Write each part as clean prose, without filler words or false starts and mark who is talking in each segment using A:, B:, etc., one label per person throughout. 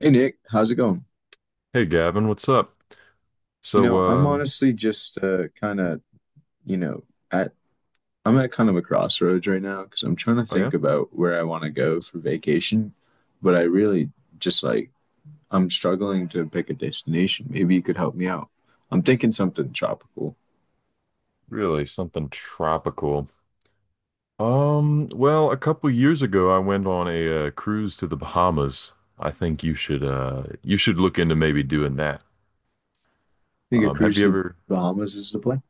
A: Hey Nick, how's it going?
B: Hey Gavin, what's up?
A: You
B: So,
A: know, I'm honestly just kind of, you know, at I'm at kind of a crossroads right now because I'm trying to
B: oh yeah,
A: think about where I want to go for vacation, but I really just like I'm struggling to pick a destination. Maybe you could help me out. I'm thinking something tropical.
B: really something tropical. Well, a couple years ago, I went on a cruise to the Bahamas. I think you should look into maybe doing that.
A: I think a
B: Have
A: cruise
B: you
A: to the
B: ever?
A: Bahamas is the plan.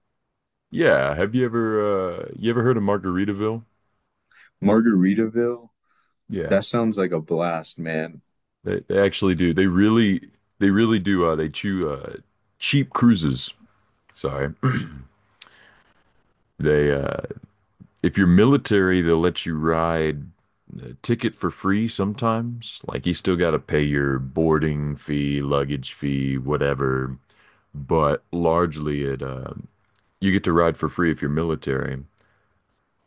B: Yeah, you ever heard of Margaritaville?
A: Margaritaville,
B: Yeah,
A: that sounds like a blast, man.
B: they actually do. They really do. They chew cheap cruises. Sorry. they If you're military, they'll let you ride a ticket for free sometimes. Like you still got to pay your boarding fee, luggage fee, whatever. But largely, it you get to ride for free if you're military.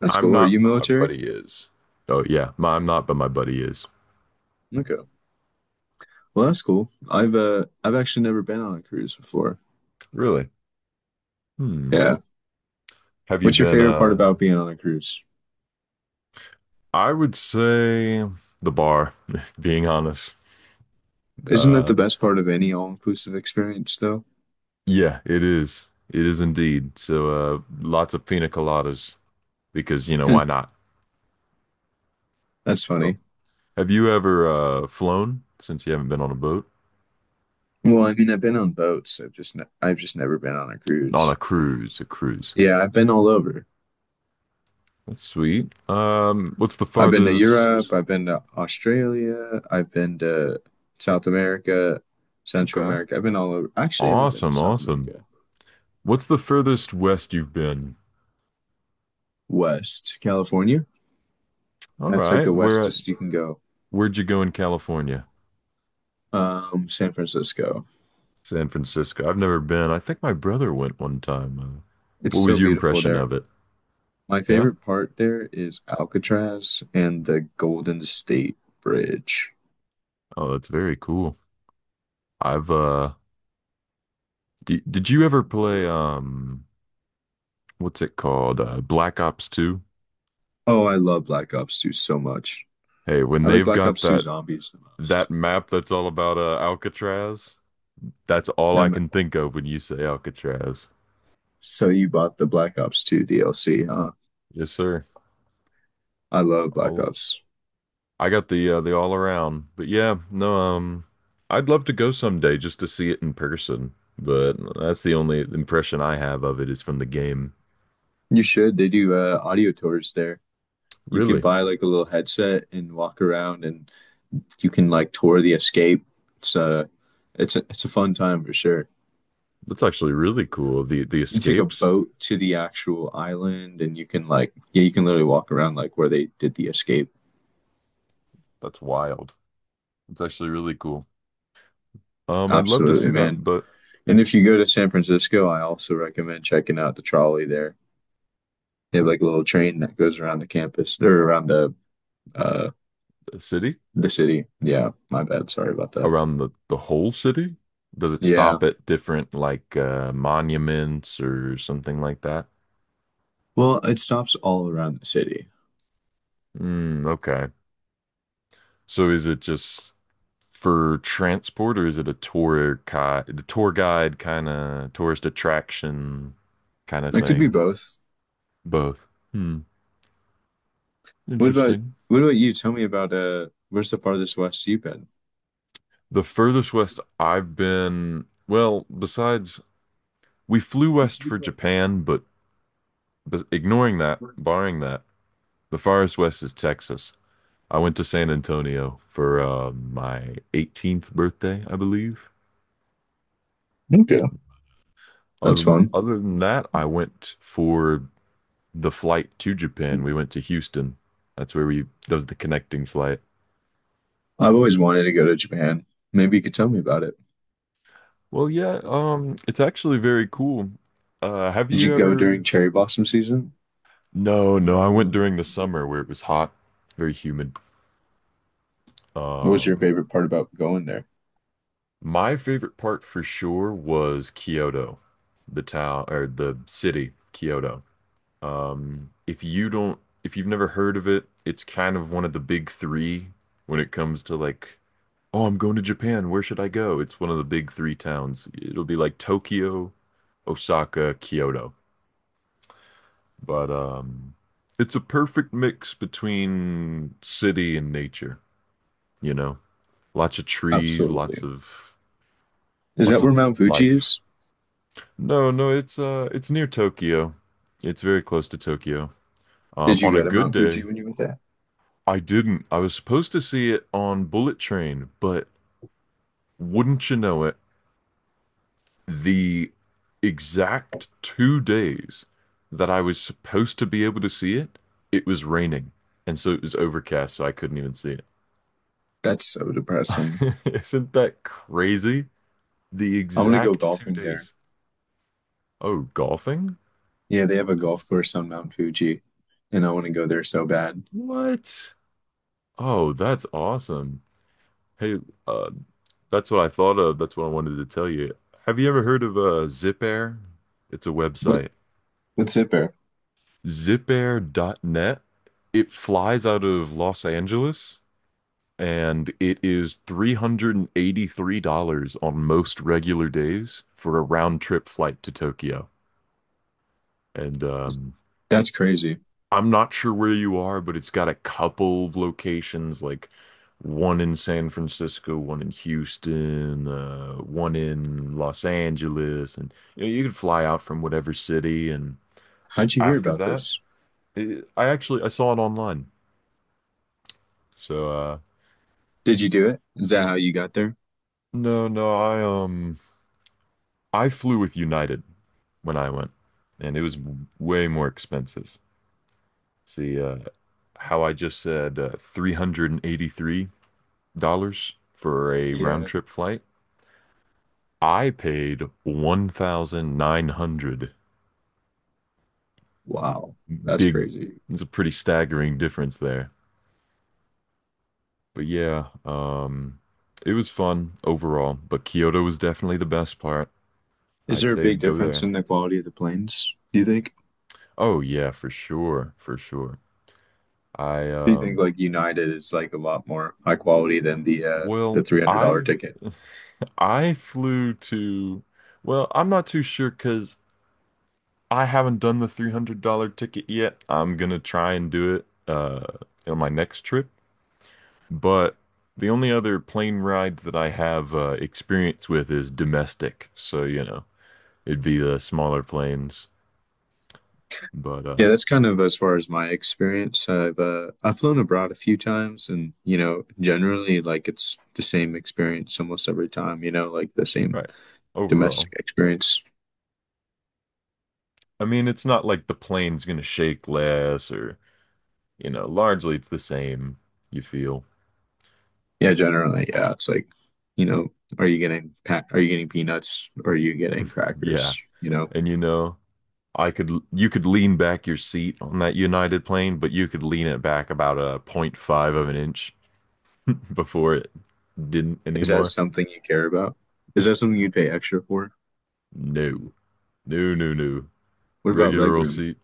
A: That's
B: I'm
A: cool. Are
B: not,
A: you
B: but my
A: military?
B: buddy is. Oh yeah, I'm not, but my buddy is.
A: Okay. Well, that's cool. I've actually never been on a cruise before.
B: Really? Hmm.
A: Yeah.
B: Have you
A: What's your
B: been?
A: favorite part
B: Uh,
A: about being on a cruise?
B: I would say the bar. Being honest.
A: Isn't that
B: Uh,
A: the best part of any all-inclusive experience, though?
B: yeah, it is. It is indeed. So lots of pina coladas. Because why not?
A: That's
B: So,
A: funny.
B: have you ever flown since you haven't been on a boat?
A: Well, I mean, I've been on boats. I've just never been on a
B: On a
A: cruise.
B: cruise, a cruise.
A: Yeah, I've been all over.
B: That's sweet. What's the
A: I've been to Europe.
B: farthest?
A: I've been to Australia. I've been to South America, Central
B: Okay.
A: America. I've been all over. Actually, I haven't been to
B: Awesome,
A: South
B: awesome.
A: America.
B: What's the furthest west you've been?
A: West California.
B: All
A: That's like
B: right.
A: the westest you can go.
B: Where'd you go in California?
A: San Francisco.
B: San Francisco. I've never been. I think my brother went one time. Uh,
A: It's
B: what
A: so
B: was your
A: beautiful
B: impression
A: there.
B: of it?
A: My
B: Yeah?
A: favorite part there is Alcatraz and the Golden State Bridge.
B: Oh, that's very cool. I've d did you ever play what's it called? Black Ops 2?
A: Oh, I love Black Ops 2 so much.
B: Hey, when
A: I like
B: they've
A: Black
B: got
A: Ops 2
B: that
A: Zombies the
B: that
A: most.
B: map that's all about Alcatraz, that's all I
A: Them,
B: can think of when you say Alcatraz.
A: so you bought the Black Ops 2 DLC, huh?
B: Yes, sir.
A: I love Black
B: All
A: Ops.
B: I got the all around. But yeah, no, I'd love to go someday just to see it in person, but that's the only impression I have of it is from the game.
A: You should. They do audio tours there. You can
B: Really.
A: buy like a little headset and walk around, and you can like tour the escape. It's a it's a fun time for sure.
B: That's actually really cool. The
A: You take a
B: escapes,
A: boat to the actual island, and you can like yeah, you can literally walk around like where they did the escape.
B: that's wild. It's actually really cool. I'd love to see
A: Absolutely,
B: that,
A: man.
B: but
A: And if you go to San Francisco, I also recommend checking out the trolley there. They have like a little train that goes around the campus or around uh
B: the city?
A: the city. Yeah, my bad. Sorry about that.
B: Around the whole city? Does it
A: Yeah.
B: stop at different like monuments or something like that?
A: Well, it stops all around the city.
B: Mm, okay. So is it just for transport or is it a tour guide, the tour guide kind of tourist attraction kind of
A: It could be
B: thing?
A: both.
B: Both. Hmm.
A: What about
B: Interesting.
A: what about you? Tell me about where's the farthest west you've been?
B: The furthest west I've been, well, besides we flew west for Japan, but ignoring that, barring that, the farthest west is Texas. I went to San Antonio for my 18th birthday, I believe.
A: Okay, that's
B: Other
A: fun.
B: other than that, I went for the flight to Japan. We went to Houston. That's that was the connecting flight.
A: I've always wanted to go to Japan. Maybe you could tell me about it.
B: Well, yeah, it's actually very cool. Have
A: Did you
B: you
A: go
B: ever?
A: during cherry blossom season?
B: No, no,
A: What
B: I went during the summer where it was hot, very humid.
A: was your
B: Um,
A: favorite part about going there?
B: my favorite part for sure was Kyoto, the town or the city, Kyoto. If you've never heard of it, it's kind of one of the big three when it comes to like, oh, I'm going to Japan. Where should I go? It's one of the big three towns. It'll be like Tokyo, Osaka, Kyoto. But it's a perfect mix between city and nature, you know? Lots of trees, lots
A: Absolutely.
B: of
A: Is that where Mount Fuji
B: life.
A: is?
B: No, no, it's near Tokyo. It's very close to Tokyo. Um,
A: Did you
B: on a
A: go to
B: good
A: Mount Fuji
B: day,
A: when you went there?
B: I didn't. I was supposed to see it on Bullet Train, but wouldn't you know it, the exact 2 days that I was supposed to be able to see it, it was raining. And so it was overcast, so I couldn't even see it.
A: That's so depressing.
B: Isn't that crazy? The
A: I want to go
B: exact two
A: golfing there.
B: days. Oh, golfing?
A: Yeah, they have a golf course on Mount Fuji, and I want to go there so bad.
B: What? Oh, that's awesome. Hey, uh, that's what I thought of. That's what I wanted to tell you. Have you ever heard of Zipair? It's a
A: What
B: website.
A: what's it there?
B: zipair.net. It flies out of Los Angeles and it is $383 on most regular days for a round trip flight to Tokyo. And
A: That's crazy.
B: I'm not sure where you are, but it's got a couple of locations, like one in San Francisco, one in Houston, one in Los Angeles, and you could fly out from whatever city. And
A: How'd you hear
B: after
A: about
B: that,
A: this?
B: it, I actually I saw it online. So
A: Did you do it? Is that how you got there?
B: no, no, I flew with United when I went, and it was way more expensive. See, how I just said, $383 for a round
A: Yeah.
B: trip flight. I paid 1,900.
A: Wow. That's
B: Big,
A: crazy.
B: it's a pretty staggering difference there. But yeah, it was fun overall, but Kyoto was definitely the best part.
A: Is
B: I'd
A: there a
B: say to
A: big
B: go
A: difference
B: there.
A: in the quality of the planes, do you think?
B: Oh yeah, for sure, for sure. I
A: Do you think like United is like a lot more high quality than the
B: well,
A: $300 ticket?
B: I flew to well, I'm not too sure because I haven't done the $300 ticket yet. I'm gonna try and do it on my next trip. But the only other plane rides that I have experience with is domestic. So, it'd be the smaller planes. But,
A: Yeah, that's kind of as far as my experience. I've flown abroad a few times, and you know, generally, like it's the same experience almost every time. You know, like the same
B: right, overall.
A: domestic experience.
B: I mean, it's not like the plane's gonna shake less or largely it's the same, you feel.
A: Yeah, generally, yeah. It's like, you know, are you getting peanuts? Or are you getting
B: Yeah.
A: crackers? You know,
B: And you could lean back your seat on that United plane, but you could lean it back about a 0.5 of an inch before it didn't
A: is that
B: anymore.
A: something you care about? Is that something you'd pay extra for?
B: No. No, no, no.
A: What about
B: Regular old
A: legroom?
B: seat.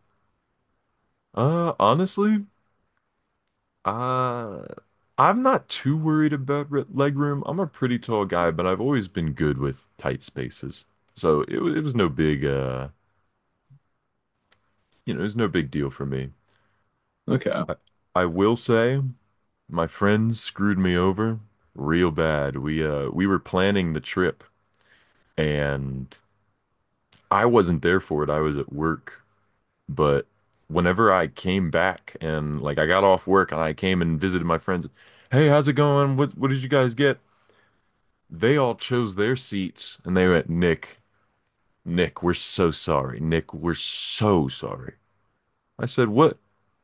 B: Honestly, uh, I'm not too worried about leg room. I'm a pretty tall guy, but I've always been good with tight spaces. So it was no big deal for me.
A: Okay,
B: I, I will say my friends screwed me over real bad. We were planning the trip and I wasn't there for it. I was at work, but whenever I came back and like I got off work and I came and visited my friends, hey, how's it going? What did you guys get? They all chose their seats and they went, Nick, Nick, we're so sorry. Nick, we're so sorry. I said, what?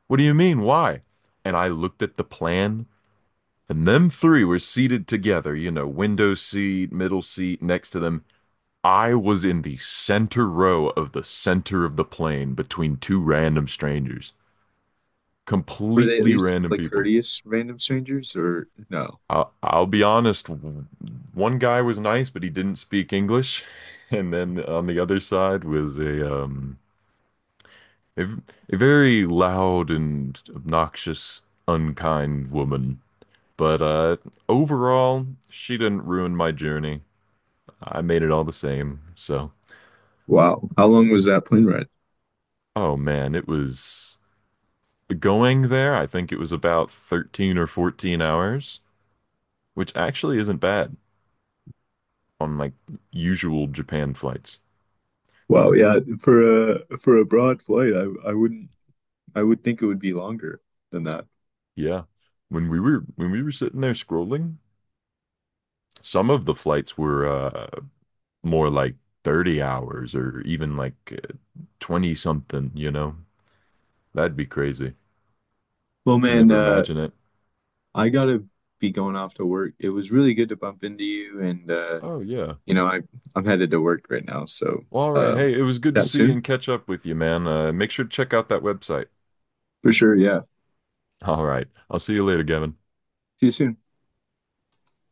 B: What do you mean? Why? And I looked at the plan, and them three were seated together, window seat, middle seat, next to them. I was in the center row of the center of the plane between two random strangers,
A: were they at
B: completely
A: least
B: random
A: like
B: people.
A: courteous random strangers or no?
B: I'll be honest. One guy was nice, but he didn't speak English. And then on the other side was a a, v- very loud and obnoxious, unkind woman. But overall, she didn't ruin my journey. I made it all the same. So,
A: Wow, how long was that plane ride?
B: oh man, it was going there. I think it was about 13 or 14 hours, which actually isn't bad on like usual Japan flights.
A: Wow, yeah, for a broad flight, I wouldn't I would think it would be longer than that.
B: Yeah. When we were sitting there scrolling, some of the flights were more like 30 hours or even like 20 something. That'd be crazy.
A: Well,
B: Can
A: man,
B: never imagine it.
A: I gotta be going off to work. It was really good to bump into you, and
B: Oh yeah.
A: you know, I'm headed to work right now, so
B: Well, all right.
A: um,
B: Hey, it was good to
A: chat
B: see
A: soon
B: and catch up with you, man. Make sure to check out that website.
A: for sure. Yeah,
B: All right. I'll see you later, Gavin.
A: see you soon.